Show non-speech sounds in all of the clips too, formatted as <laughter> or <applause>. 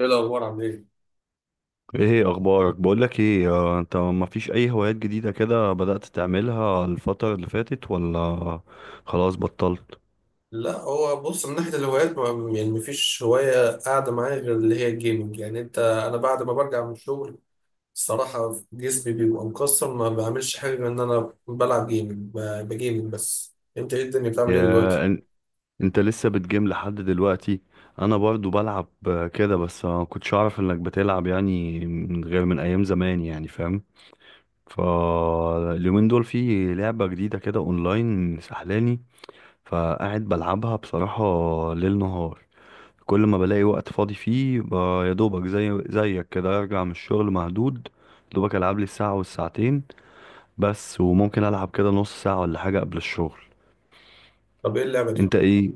ايه الاخبار؟ عامل ايه؟ ايه اخبارك؟ بقولك ايه، انت ما فيش اي هوايات جديدة كده بدأت تعملها الفترة اللي فاتت ولا خلاص بطلت؟ لا، هو بص، من ناحية الهوايات ما يعني مفيش هواية قاعدة معايا غير اللي هي الجيمنج. يعني انا بعد ما برجع من الشغل الصراحة جسمي بيبقى مكسر، ما بعملش حاجة غير ان انا بلعب جيمنج، بجيمنج. بس انت ايه، الدنيا بتعمل ايه دلوقتي؟ يا إن- انت لسه بتجيم لحد دلوقتي؟ انا برضو بلعب كده، بس ما كنتش اعرف انك بتلعب يعني من غير، من ايام زمان يعني، فاهم. فاليومين دول في لعبة جديدة كده اونلاين سحلاني، فقاعد بلعبها بصراحة ليل نهار، كل ما بلاقي وقت فاضي فيه يا دوبك زي زيك كده ارجع من الشغل مهدود، يا دوبك العب لي الساعة والساعتين بس، وممكن العب كده نص ساعة ولا حاجة قبل الشغل. طب ايه اللعبة دي؟ انت ايه؟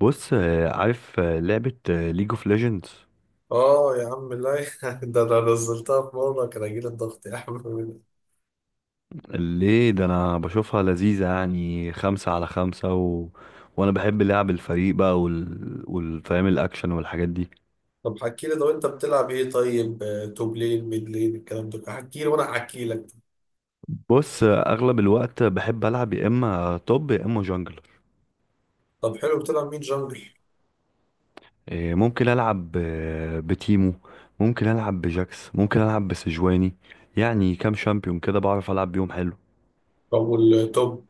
بص عارف لعبة ليج اوف ليجندز؟ اه يا عم، لا، <laughs> ده انا نزلتها في مرة كان هيجيلي الضغط يا عم. ليه؟ ده انا بشوفها لذيذة يعني، 5 على 5 وانا بحب لعب الفريق بقى والفهم، الاكشن والحاجات دي. طب حكي لي، طب انت بتلعب ايه طيب؟ توب لين، ميد لين، الكلام ده، حكي لي وانا احكي لك. بص اغلب الوقت بحب العب يا اما توب يا اما جنجل. طب حلو، بتلعب مين جنجل؟ إيه، ممكن العب بتيمو، ممكن العب بجاكس، ممكن العب بسجواني، يعني كام شامبيون كده بعرف العب بيهم حلو. طب والتوب؟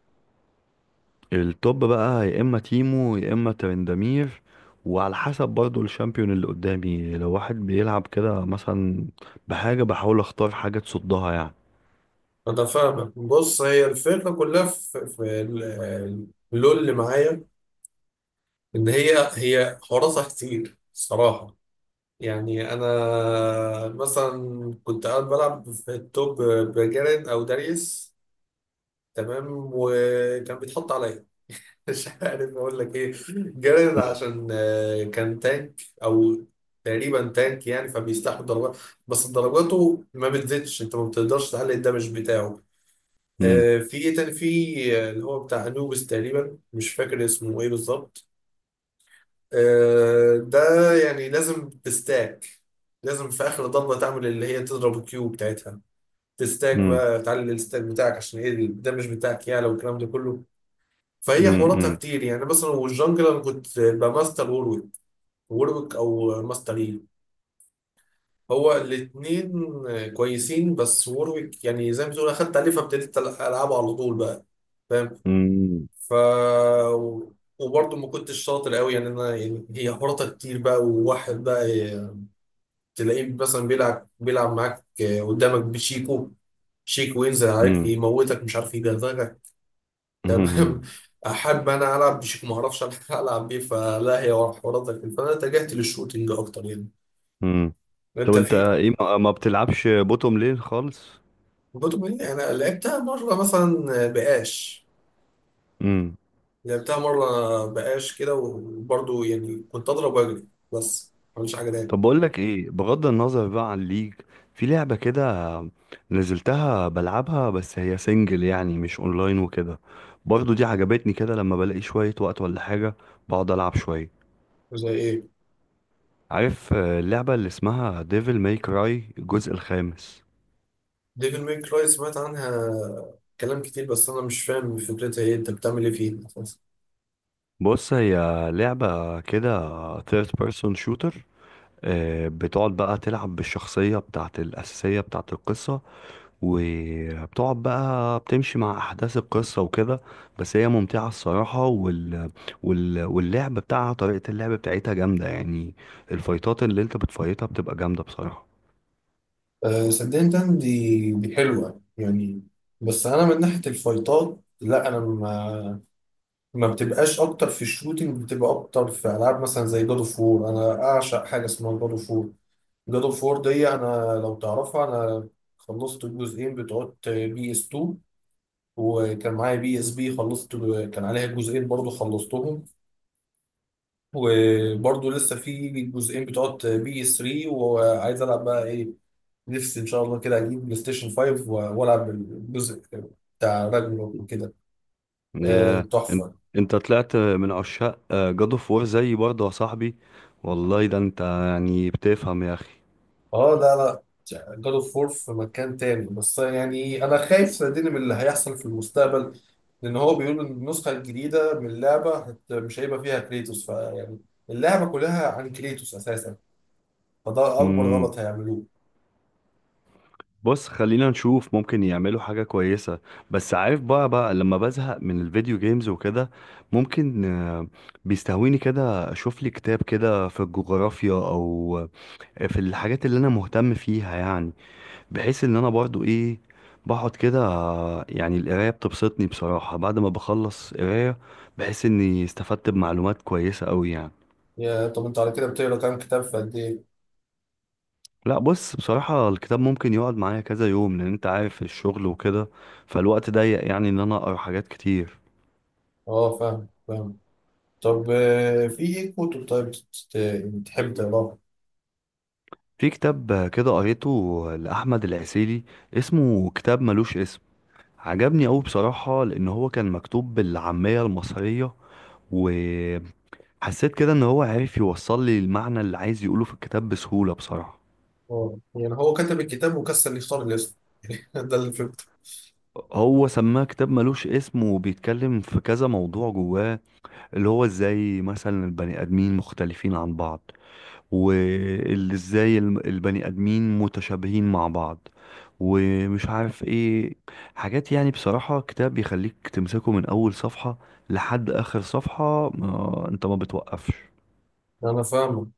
التوب بقى يا اما تيمو يا اما ترندمير، وعلى حسب برضو الشامبيون اللي قدامي، لو واحد بيلعب كده مثلا بحاجة، بحاول اختار حاجة تصدها يعني. أنا فاهمك. بص، هي الفكرة كلها في اللول اللي معايا إن هي حواراتها كتير الصراحة. يعني أنا مثلا كنت قاعد بلعب في التوب بجارين أو داريس، تمام، وكان بيتحط عليا. <laughs> مش عارف أقول لك إيه، جارين عشان كان تانك أو تقريبا تانك، يعني فبيستحمل ضربات بس ضرباته ما بتزيدش، أنت ما بتقدرش تعلي الدمج بتاعه. مم. في ايه تاني، في اللي هو بتاع انوبس تقريبا، مش فاكر اسمه ايه بالظبط، ده يعني لازم تستاك، لازم في اخر ضربه تعمل اللي هي تضرب الكيو بتاعتها، تستاك مم. بقى، تعلي الستاك بتاعك، عشان ايه ده مش بتاعك يعلى، والكلام ده كله. فهي حواراتها مم. كتير، يعني مثلا والجنجل انا كنت بماستر وورويك، وورويك او ماستر يي، هو الاثنين كويسين، بس وورويك يعني زي ما تقول اخدت عليه فابتديت العبه على طول بقى، فاهم. مم. ف وبرضه ما كنتش شاطر قوي، يعني انا، يعني هي حراطه كتير بقى، وواحد بقى تلاقيه مثلا بيلعب معاك، قدامك بشيكو، شيكو ينزل عليك مم. يموتك، مش عارف يجرزك. تمام. مم. <laughs> احب انا العب بشيكو ما اعرفش. <laughs> العب بيه، فلا هي حراطه كتير، فانا اتجهت للشوتينج اكتر يعني. مم. طب انت انت في؟ ايه، ما بتلعبش بوتوم لين خالص؟ بطل. انا لعبتها مره مثلا بقاش، لعبتها مره بقاش كده وبرضه يعني كنت اضرب واجري بس، ما عملش حاجه تاني. طب بقول لك ايه، بغض النظر بقى عن الليج، في لعبة كده نزلتها بلعبها، بس هي سنجل يعني مش اونلاين وكده، برضو دي عجبتني كده. لما بلاقي شوية وقت ولا حاجة بقعد العب شوية. زي ايه؟ عارف اللعبة اللي اسمها ديفل ماي كراي الجزء الخامس؟ ديفل ميك كراي، سمعت عنها كلام كتير بس انا مش فاهم فكرتها ايه، انت بتعمل ايه فيها أساساً؟ بص هي لعبة كده ثيرد بيرسون شوتر، بتقعد بقى تلعب بالشخصية بتاعت الأساسية بتاعت القصة، وبتقعد بقى بتمشي مع احداث القصه وكده. بس هي ممتعه الصراحه واللعب بتاعها، طريقه اللعب بتاعتها جامده يعني، الفايتات اللي انت بتفايتها بتبقى جامده بصراحه. أه، صدقني، تاني، دي حلوه يعني، بس انا من ناحيه الفايتات لا، انا ما، ما بتبقاش اكتر في الشوتينج، بتبقى اكتر في العاب مثلا زي جاد اوف وور. انا اعشق حاجه اسمها جاد اوف وور. جاد اوف وور دي انا لو تعرفها، انا خلصت الجزئين بتوع بي اس 2، وكان معايا بي اس بي، خلصت، كان عليها جزئين برضه خلصتهم، وبرضه لسه في جزئين بتوع بي اس 3، وعايز العب بقى ايه. نفسي ان شاء الله كده اجيب بلاي ستيشن 5 والعب الجزء بتاع راجنروك وكده. يا انت تحفه. انت طلعت من عشاق جاد اوف وور زيي برضه يا صاحبي، والله ده انت يعني بتفهم يا اخي. اه، لا لا. جاد اوف وور في مكان تاني، بس يعني انا خايف صدقني من اللي هيحصل في المستقبل، لان هو بيقول ان النسخه الجديده من اللعبه مش هيبقى فيها كريتوس، فيعني اللعبه كلها عن كريتوس اساسا، فده اكبر مم. غلط هيعملوه. بص خلينا نشوف، ممكن يعملوا حاجة كويسة. بس عارف بقى، لما بزهق من الفيديو جيمز وكده، ممكن بيستهويني كده اشوف لي كتاب كده في الجغرافيا او في الحاجات اللي انا مهتم فيها يعني، بحيث ان انا برضو ايه، بقعد كده يعني القراية بتبسطني بصراحة. بعد ما بخلص قراية بحس اني استفدت بمعلومات كويسة قوي يعني. يا، طب انت على كده بتقرا كام كتاب، في قد ايه؟ لا بص، بصراحة الكتاب ممكن يقعد معايا كذا يوم، لأن أنت عارف الشغل وكده، فالوقت ضيق يعني إن أنا أقرأ حاجات كتير. اه، فاهم فاهم. طب في ايه كتب طيب بتحب تقراها؟ في كتاب كده قريته لأحمد العسيلي، اسمه كتاب ملوش اسم، عجبني أوي بصراحة، لأن هو كان مكتوب بالعامية المصرية، وحسيت كده إن هو عارف يوصل لي المعنى اللي عايز يقوله في الكتاب بسهولة بصراحة. اه، يعني هو كتب الكتاب وكسل يختار الاسم؟ <laughs> ده اللي فهمته. هو سماه كتاب ملوش اسم، وبيتكلم في كذا موضوع جواه، اللي هو ازاي مثلا البني آدمين مختلفين عن بعض، واللي ازاي البني ادمين متشابهين مع بعض، ومش عارف ايه، حاجات يعني. بصراحة كتاب يخليك تمسكه من اول صفحة لحد اخر صفحة، ما انت ما بتوقفش. انا فاهمه.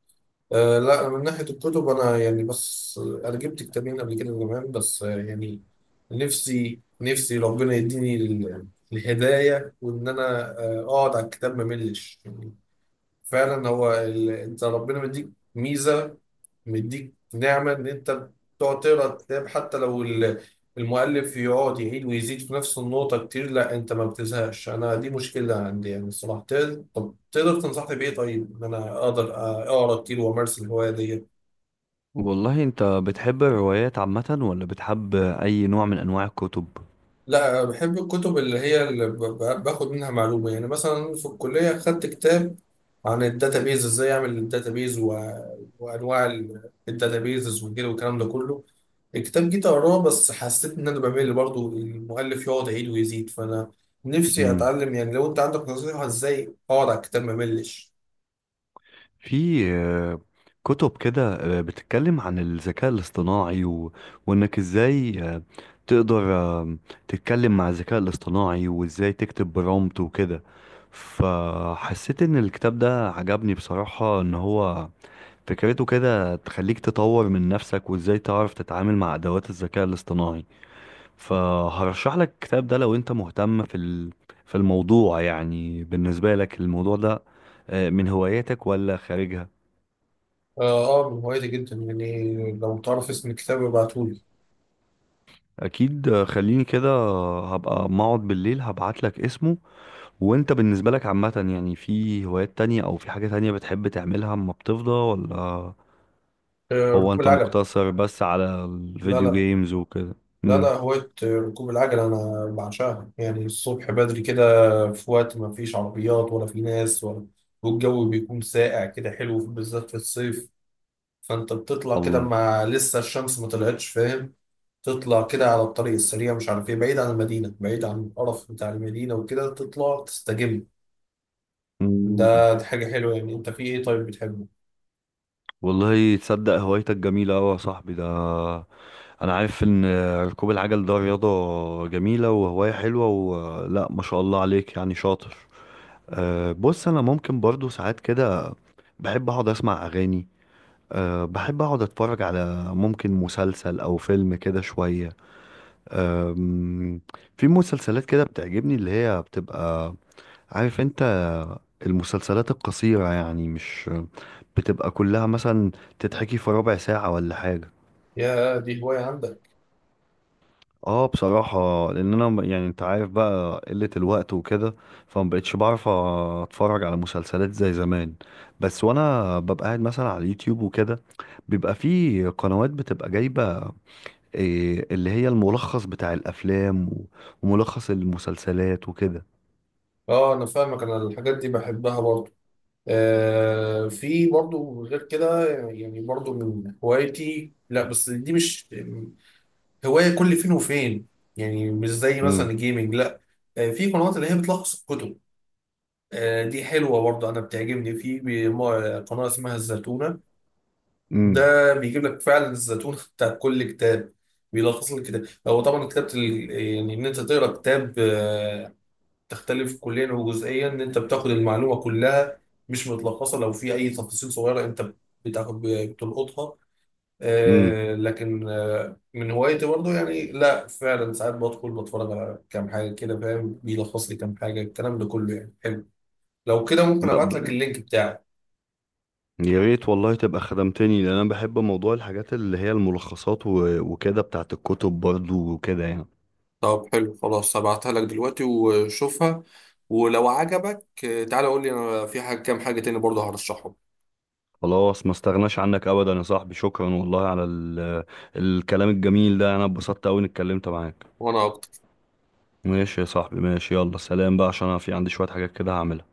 آه لا، من ناحيه الكتب انا يعني، بس انا جبت كتابين قبل كده زمان، بس يعني نفسي، نفسي ربنا يديني الهدايه، وان انا اقعد على الكتاب ما ملش يعني. فعلا هو انت ربنا مديك ميزه، مديك نعمة إن أنت تقعد تقرا الكتاب حتى لو المؤلف يقعد يعيد ويزيد في نفس النقطة كتير لا أنت ما بتزهقش. أنا دي مشكلة عندي يعني الصراحة، طب تقدر تنصحني بإيه طيب، إن أنا أقدر أقرا كتير وأمارس الهواية دي؟ والله انت بتحب الروايات عامة، ولا بتحب اي نوع من انواع الكتب؟ لا، بحب الكتب اللي هي اللي باخد منها معلومة، يعني مثلا في الكلية خدت كتاب عن الداتابيز، ازاي اعمل الداتابيز، و... وانواع الداتابيزز وكده والكلام ده كله. الكتاب جيت اقراه بس حسيت ان انا بمل برضه، المؤلف يقعد يعيد ويزيد، فانا نفسي اتعلم يعني، لو انت عندك نصيحة ازاي اقعد على الكتاب ما ملش. في كتب كده بتتكلم عن الذكاء الاصطناعي وانك ازاي تقدر تتكلم مع الذكاء الاصطناعي، وازاي تكتب برومبت وكده، فحسيت ان الكتاب ده عجبني بصراحة، ان هو فكرته كده تخليك تطور من نفسك وازاي تعرف تتعامل مع ادوات الذكاء الاصطناعي. فهرشح لك الكتاب ده لو انت مهتم في في الموضوع يعني. بالنسبة لك الموضوع ده من هواياتك ولا خارجها؟ اه اه، من هوايتي جدا يعني، لو تعرف اسم الكتاب ابعتهولي. اكيد خليني كده هبقى ما اقعد بالليل هبعت لك اسمه. وانت بالنسبه لك عامه يعني، في هوايات تانية او في حاجه تانية بتحب تعملها اما بتفضى ولا؟ آه، هو ركوب انت العجل. مقتصر بس على لا الفيديو لا، جيمز وكده؟ لا ده امم. هواية، ركوب العجلة أنا بعشقها يعني. الصبح بدري كده في وقت ما فيش عربيات ولا في ناس ولا، والجو بيكون ساقع كده حلو بالذات في الصيف، فأنت بتطلع كده الله. ما لسه الشمس ما طلعتش، فاهم؟ تطلع كده على الطريق السريع مش عارف إيه، بعيد عن المدينة، بعيد عن القرف بتاع المدينة وكده، تطلع تستجم. مم. دي حاجة حلوة يعني. أنت في إيه طيب بتحبه؟ والله تصدق هوايتك جميله قوي يا صاحبي ده، انا عارف ان ركوب العجل ده رياضه جميله وهوايه حلوه، ولا ما شاء الله عليك يعني شاطر. أه بص انا ممكن برضو ساعات كده بحب اقعد اسمع اغاني، أه بحب أقعد أتفرج على ممكن مسلسل أو فيلم كده شوية. أم، في مسلسلات كده بتعجبني، اللي هي بتبقى، عارف أنت، المسلسلات القصيرة يعني، مش بتبقى كلها مثلا، تتحكي في 1/4 ساعة ولا حاجة. يا دي هواية عندك؟ اه بصراحة، لأن أنا يعني أنت عارف بقى قلة الوقت وكده، فمبقتش بعرف أتفرج على مسلسلات زي زمان. بس وأنا ببقى قاعد مثلا على اليوتيوب وكده، بيبقى في قنوات بتبقى جايبة إيه، اللي هي الملخص بتاع الافلام وملخص المسلسلات وكده. آه أنا فاهمك، أنا الحاجات دي بحبها برضه. في برضو غير كده، يعني برضو من هوايتي، لا بس دي مش هواية كل فين وفين، يعني مش زي مثلا امم. الجيمنج، لا. في قنوات اللي هي بتلخص الكتب. دي حلوة برضو، أنا بتعجبني في بي- ما- قناة اسمها الزتونة. امم. ده بيجيب لك فعلا الزتونة <laughs> بتاع كل كتاب، بيلخص لك كتاب. هو طبعا كتابة يعني إن أنت تقرأ كتاب تختلف كليا وجزئيا، ان انت بتاخد المعلومه كلها مش متلخصه، لو في اي تفاصيل صغيره انت بتلقطها. امم. لكن من هوايتي برضو يعني، لا فعلا ساعات بدخل بتفرج على كام حاجه كده فاهم، بيلخص لي كام حاجه، الكلام ده كله يعني حلو. لو كده ممكن لا ابعت لك ب... اللينك بتاعي. يا ريت والله، تبقى خدمتني، لان انا بحب موضوع الحاجات اللي هي الملخصات وكده بتاعت الكتب برضو وكده يعني. طب حلو خلاص، هبعتها لك دلوقتي وشوفها، ولو عجبك تعالى قول لي، انا في كام حاجه تاني برضه هرشحهم. خلاص ما استغناش عنك ابدا يا صاحبي، شكرا والله على الكلام الجميل ده، انا اتبسطت قوي اني اتكلمت معاك. وانا ماشي يا صاحبي ماشي، يلا سلام بقى، عشان انا في عندي شوية حاجات كده هعملها.